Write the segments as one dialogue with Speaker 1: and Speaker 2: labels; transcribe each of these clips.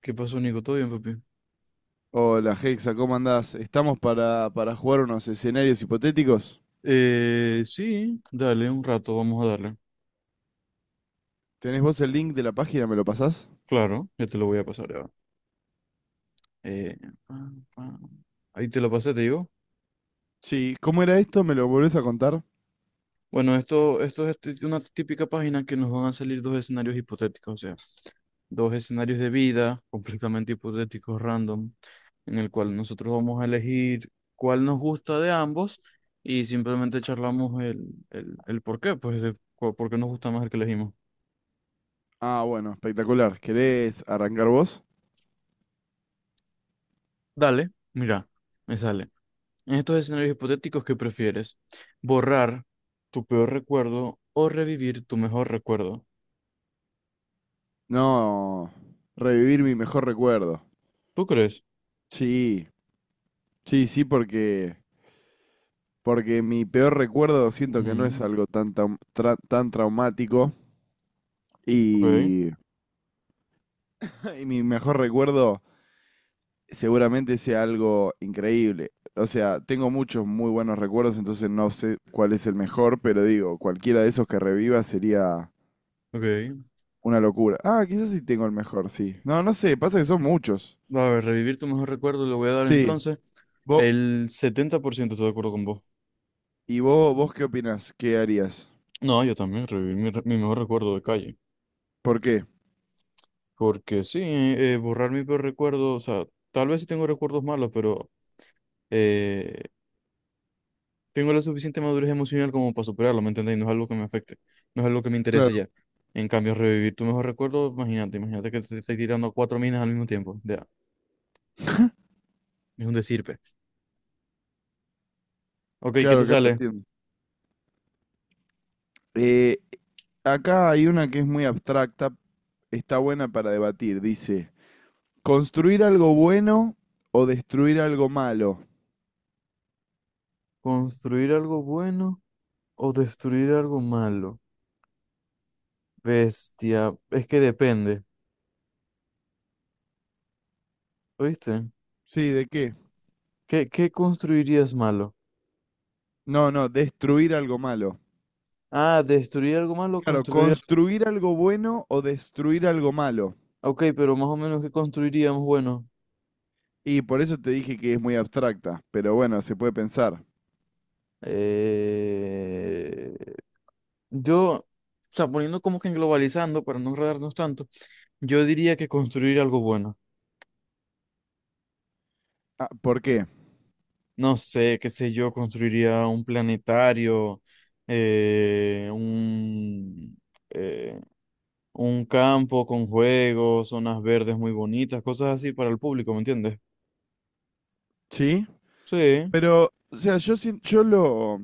Speaker 1: ¿Qué pasó, Nico? ¿Todo bien, papi?
Speaker 2: Hola, Hexa, ¿cómo andás? Estamos para jugar unos escenarios hipotéticos.
Speaker 1: Sí, dale, un rato, vamos a darle.
Speaker 2: ¿Tenés vos el link de la página? ¿Me lo pasás?
Speaker 1: Claro, ya te lo voy a pasar, ya va. Eh, Pam, pam. Ahí te lo pasé, te digo.
Speaker 2: Sí, ¿cómo era esto? ¿Me lo volvés a contar?
Speaker 1: Bueno, esto es una típica página que nos van a salir dos escenarios hipotéticos, o sea, dos escenarios de vida completamente hipotéticos, random, en el cual nosotros vamos a elegir cuál nos gusta de ambos y simplemente charlamos el por qué, pues, por qué nos gusta más el que elegimos.
Speaker 2: Ah, bueno, espectacular. ¿Querés arrancar vos?
Speaker 1: Dale, mira, me sale. En estos escenarios hipotéticos, ¿qué prefieres? ¿Borrar tu peor recuerdo o revivir tu mejor recuerdo?
Speaker 2: No, revivir mi mejor recuerdo.
Speaker 1: ¿Tú crees?
Speaker 2: Sí, sí, sí, porque, porque mi peor recuerdo siento que no es
Speaker 1: Mm,
Speaker 2: algo tan traumático
Speaker 1: ok,
Speaker 2: y, y mi mejor recuerdo seguramente sea algo increíble. O sea, tengo muchos muy buenos recuerdos, entonces no sé cuál es el mejor, pero digo, cualquiera de esos que reviva sería
Speaker 1: ok.
Speaker 2: una locura. Ah, quizás sí tengo el mejor, sí. No, no sé, pasa que son muchos.
Speaker 1: A ver, revivir tu mejor recuerdo le voy a dar
Speaker 2: Sí.
Speaker 1: entonces.
Speaker 2: Vos,
Speaker 1: El 70% estoy de acuerdo con vos.
Speaker 2: ¿y vos, vos qué opinás? ¿Qué harías?
Speaker 1: No, yo también, revivir mi mejor recuerdo de calle.
Speaker 2: ¿Por qué?
Speaker 1: Porque sí, borrar mi peor recuerdo, o sea, tal vez sí tengo recuerdos malos, pero eh, tengo la suficiente madurez emocional como para superarlo, ¿me entendéis? No es algo que me afecte, no es algo que me
Speaker 2: Claro,
Speaker 1: interese ya. En cambio, revivir tu mejor recuerdo, imagínate, imagínate que te estés tirando cuatro minas al mismo tiempo. Ya, es un decirpe. Ok, ¿qué
Speaker 2: claro,
Speaker 1: te
Speaker 2: claro,
Speaker 1: sale?
Speaker 2: entiendo. Eh, Acá hay una que es muy abstracta, está buena para debatir. Dice, ¿construir algo bueno o destruir algo malo?
Speaker 1: ¿Construir algo bueno o destruir algo malo? Bestia, es que depende, ¿oíste?
Speaker 2: Sí, ¿de qué?
Speaker 1: ¿Qué, qué construirías malo?
Speaker 2: No, no, destruir algo malo.
Speaker 1: Ah, destruir algo malo,
Speaker 2: Claro,
Speaker 1: construir...
Speaker 2: construir algo bueno o destruir algo malo.
Speaker 1: Ok, pero más o menos, ¿qué construiríamos bueno?
Speaker 2: Y por eso te dije que es muy abstracta, pero bueno, se puede pensar.
Speaker 1: Eh, yo, o sea, poniendo como que en globalizando, para no enredarnos tanto, yo diría que construir algo bueno.
Speaker 2: Ah, ¿por qué?
Speaker 1: No sé, qué sé yo, construiría un planetario, eh, un, eh, un campo con juegos, zonas verdes muy bonitas, cosas así para el público, ¿me entiendes?
Speaker 2: ¿Sí?
Speaker 1: Sí,
Speaker 2: Pero, o sea, yo, sien- yo lo,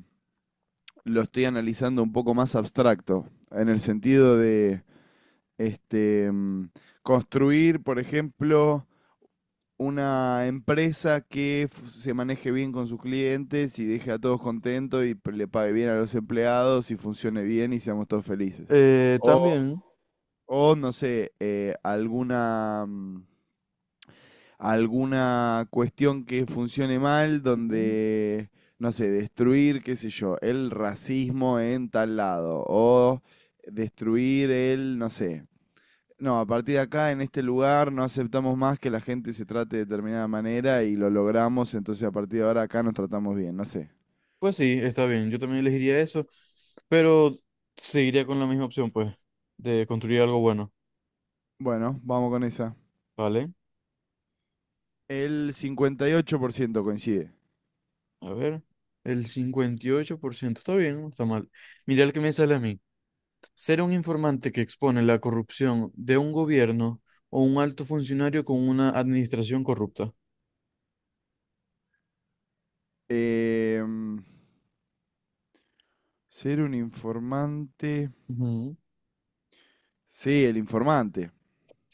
Speaker 2: lo estoy analizando un poco más abstracto, en el sentido de este, mm, construir, por ejemplo, una empresa que se maneje bien con sus clientes y deje a todos contentos y le pague bien a los empleados y funcione bien y seamos todos felices. O,
Speaker 1: también.
Speaker 2: o, no sé, alguna, mm, alguna cuestión que funcione mal
Speaker 1: Ujú.
Speaker 2: donde, no sé, destruir, qué sé yo, el racismo en tal lado o destruir el, no sé, no, a partir de acá, en este lugar, no aceptamos más que la gente se trate de determinada manera y lo logramos, entonces a partir de ahora acá nos tratamos bien, no sé.
Speaker 1: Pues sí, está bien, yo también elegiría eso, pero seguiría con la misma opción, pues, de construir algo bueno,
Speaker 2: Bueno, vamos con esa.
Speaker 1: ¿vale?
Speaker 2: El 58% coincide.
Speaker 1: A ver, el 58% está bien, no está mal. Mira el que me sale a mí. Ser un informante que expone la corrupción de un gobierno o un alto funcionario con una administración corrupta.
Speaker 2: Em, Ser un informante.
Speaker 1: Ujú.
Speaker 2: Sí, el informante.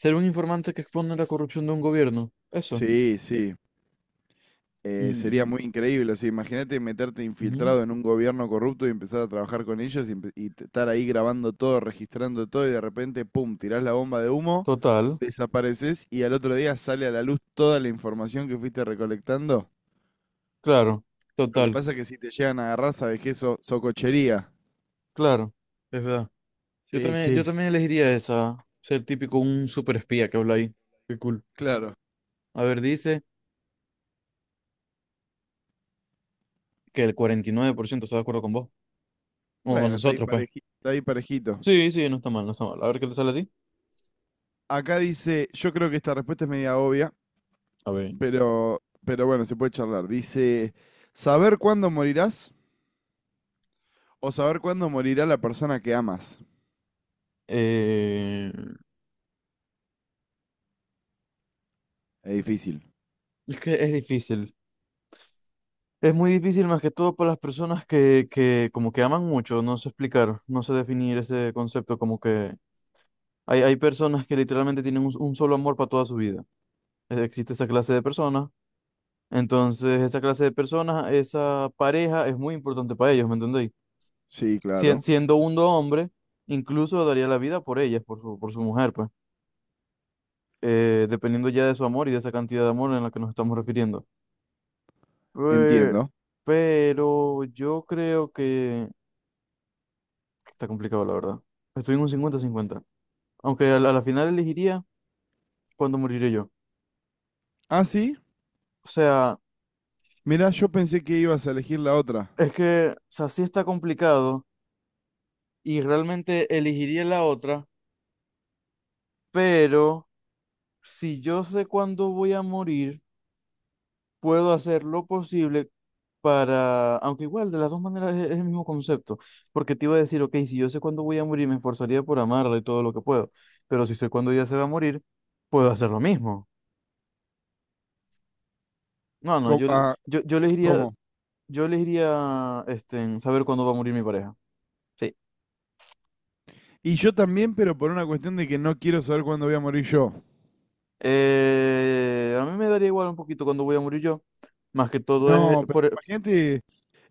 Speaker 1: Ser un informante que expone la corrupción de un gobierno, eso.
Speaker 2: Sí, sí. Sería
Speaker 1: Mm,
Speaker 2: muy increíble, o sea, imagínate meterte
Speaker 1: ujú.
Speaker 2: infiltrado en un gobierno corrupto y empezar a trabajar con ellos y, estar ahí grabando todo, registrando todo y de repente, pum, tirás la bomba de humo,
Speaker 1: Total,
Speaker 2: desapareces y al otro día sale a la luz toda la información que fuiste recolectando.
Speaker 1: claro,
Speaker 2: Lo que
Speaker 1: total,
Speaker 2: pasa es que si te llegan a agarrar, sabes que eso, socochería.
Speaker 1: claro, es verdad.
Speaker 2: Sí,
Speaker 1: Yo
Speaker 2: sí,
Speaker 1: también elegiría esa, ser típico un super espía que habla ahí. Qué cool.
Speaker 2: claro.
Speaker 1: A ver, dice que el 49% está de acuerdo con vos. O con
Speaker 2: Bueno,
Speaker 1: nosotros, pues.
Speaker 2: está ahí parejito.
Speaker 1: Sí, sí, no está mal, no está mal. A ver qué te sale a ti.
Speaker 2: Acá dice, yo creo que esta respuesta es media obvia,
Speaker 1: A ver.
Speaker 2: pero bueno, se puede charlar. Dice, ¿saber cuándo morirás? O saber cuándo morirá la persona que amas.
Speaker 1: Eh,
Speaker 2: Es difícil.
Speaker 1: es que es difícil. Es muy difícil más que todo para las personas que como que aman mucho, no sé explicar, no sé definir ese concepto, como que hay personas que literalmente tienen un solo amor para toda su vida. Existe esa clase de personas. Entonces, esa clase de personas, esa pareja es muy importante para ellos, ¿me entendéis?
Speaker 2: Sí, claro.
Speaker 1: Siendo uno hombre, incluso daría la vida por ellas, por su mujer, pues, dependiendo ya de su amor y de esa cantidad de amor en la que nos estamos refiriendo. Pe-
Speaker 2: Entiendo.
Speaker 1: pero yo creo que está complicado, la verdad. Estoy en un cincuenta cincuenta. Aunque a la final elegiría cuando moriré yo.
Speaker 2: Ah, sí.
Speaker 1: O sea,
Speaker 2: Mirá, yo pensé que ibas a elegir la otra.
Speaker 1: es que, o sea, sí está complicado y realmente elegiría la otra, pero... si yo sé cuándo voy a morir, puedo hacer lo posible para, aunque igual de las dos maneras es el mismo concepto, porque te iba a decir, ok, si yo sé cuándo voy a morir, me esforzaría por amarla y todo lo que puedo, pero si sé cuándo ella se va a morir, puedo hacer lo mismo. No, no,
Speaker 2: Co-
Speaker 1: yo, le-
Speaker 2: ah,
Speaker 1: yo, yo les iría,
Speaker 2: ¿Cómo?
Speaker 1: en saber cuándo va a morir mi pareja. Sí.
Speaker 2: Y yo también, pero por una cuestión de que no quiero saber cuándo voy a morir yo.
Speaker 1: A mí me daría igual un poquito cuándo voy a morir yo, más que todo es
Speaker 2: No, pero
Speaker 1: por,
Speaker 2: imagínate,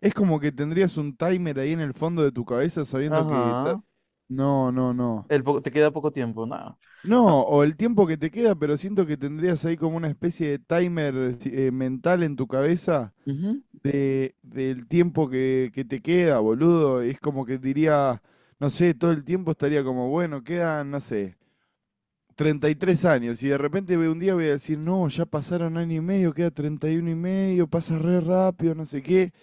Speaker 2: es como que tendrías un timer ahí en el fondo de tu cabeza sabiendo que...
Speaker 1: ajá,
Speaker 2: No, no, no.
Speaker 1: poco te queda poco tiempo, nada. Ah,
Speaker 2: No, o el tiempo que te queda, pero siento que tendrías ahí como una especie de timer mental en tu cabeza
Speaker 1: ujú,
Speaker 2: de, del tiempo que te queda, boludo. Es como que diría, no sé, todo el tiempo estaría como, bueno, quedan, no sé, 33 años. Y de repente un día voy a decir, no, ya pasaron año y medio, queda 31 y medio, pasa re rápido, no sé qué.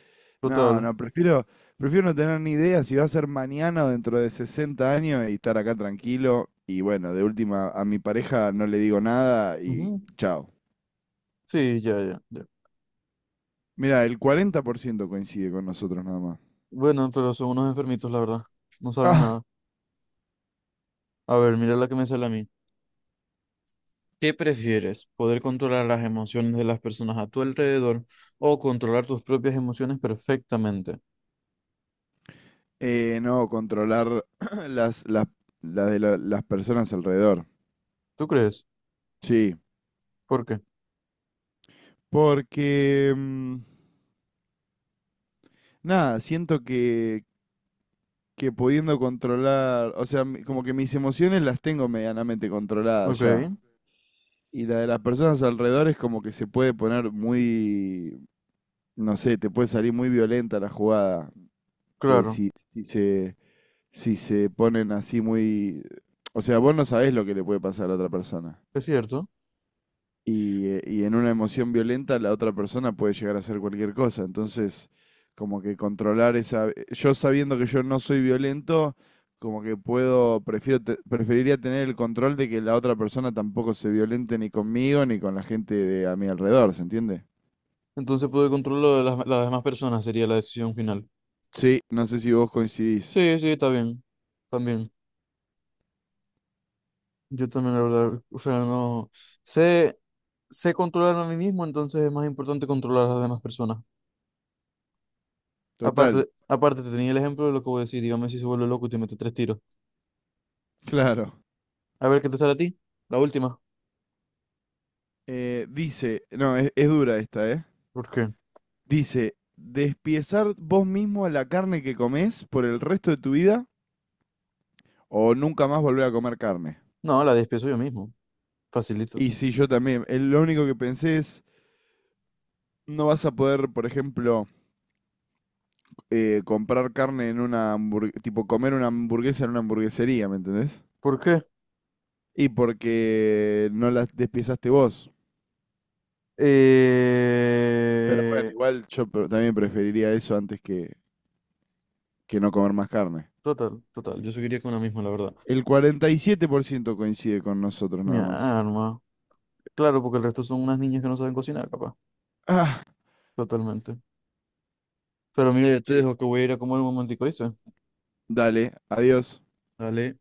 Speaker 2: No,
Speaker 1: total.
Speaker 2: no, prefiero, prefiero no tener ni idea si va a ser mañana o dentro de 60 años y estar acá tranquilo. Y bueno, de última, a mi pareja no le digo nada y
Speaker 1: Ujú.
Speaker 2: chao.
Speaker 1: Sí, ya, ya, ya.
Speaker 2: Mira, el 40% coincide con nosotros nada más.
Speaker 1: Bueno, pero son unos enfermitos, la verdad. No saben nada. A ver, mira la que me sale a mí. ¿Qué prefieres? ¿Poder controlar las emociones de las personas a tu alrededor o controlar tus propias emociones perfectamente?
Speaker 2: No, controlar las, las, las personas alrededor.
Speaker 1: ¿Tú crees?
Speaker 2: Sí,
Speaker 1: ¿Por qué?
Speaker 2: porque mm, nada, siento que pudiendo controlar, o sea, como que mis emociones las tengo medianamente
Speaker 1: Ok,
Speaker 2: controladas ya. Y la de las personas alrededor es como que se puede poner muy, no sé, te puede salir muy violenta la jugada. Eh,
Speaker 1: claro,
Speaker 2: si se ponen así muy... O sea, vos no sabés lo que le puede pasar a la otra persona.
Speaker 1: es cierto.
Speaker 2: Y en una emoción violenta la otra persona puede llegar a hacer cualquier cosa. Entonces, como que controlar esa... yo sabiendo que yo no soy violento, como que puedo, prefiero, preferiría tener el control de que la otra persona tampoco se violente ni conmigo ni con la gente de a mi alrededor, ¿se entiende?
Speaker 1: Entonces poder controlar de las demás personas sería la decisión final.
Speaker 2: Sí, no sé si vos coincidís.
Speaker 1: Sí, sí, está bien. También. Yo también, la verdad. O sea, no. Sé, sé controlar a mí mismo, entonces es más importante controlar a las demás personas.
Speaker 2: Total,
Speaker 1: Aparte, aparte, te tenía el ejemplo de lo que voy a decir. Dígame si se vuelve loco y te mete tres tiros.
Speaker 2: claro.
Speaker 1: A ver qué te sale a ti. La última.
Speaker 2: Dice, no, es dura esta, ¿eh?
Speaker 1: ¿Por qué?
Speaker 2: Dice, despiezar vos mismo la carne que comés por el resto de tu vida o nunca más volver a comer carne.
Speaker 1: No, la despiezo yo mismo. Facilito.
Speaker 2: Y sí, yo también. Lo único que pensé es, no vas a poder, por ejemplo, comprar carne en una hamburguesa, tipo comer una hamburguesa en una hamburguesería, ¿me entendés?
Speaker 1: ¿Por qué?
Speaker 2: Y porque no la despiezaste vos. Pero bueno,
Speaker 1: Eh...
Speaker 2: igual yo también preferiría eso antes que no comer más carne.
Speaker 1: Total, total. Yo seguiría con la misma, la verdad.
Speaker 2: El 47% coincide con nosotros
Speaker 1: Mi
Speaker 2: nada más.
Speaker 1: arma. Claro, porque el resto son unas niñas que no saben cocinar, capaz.
Speaker 2: Ah,
Speaker 1: Totalmente. Pero mira, yo te
Speaker 2: sí.
Speaker 1: dejo que voy a ir a comer un momentico, ¿viste?
Speaker 2: Dale, adiós.
Speaker 1: Dale.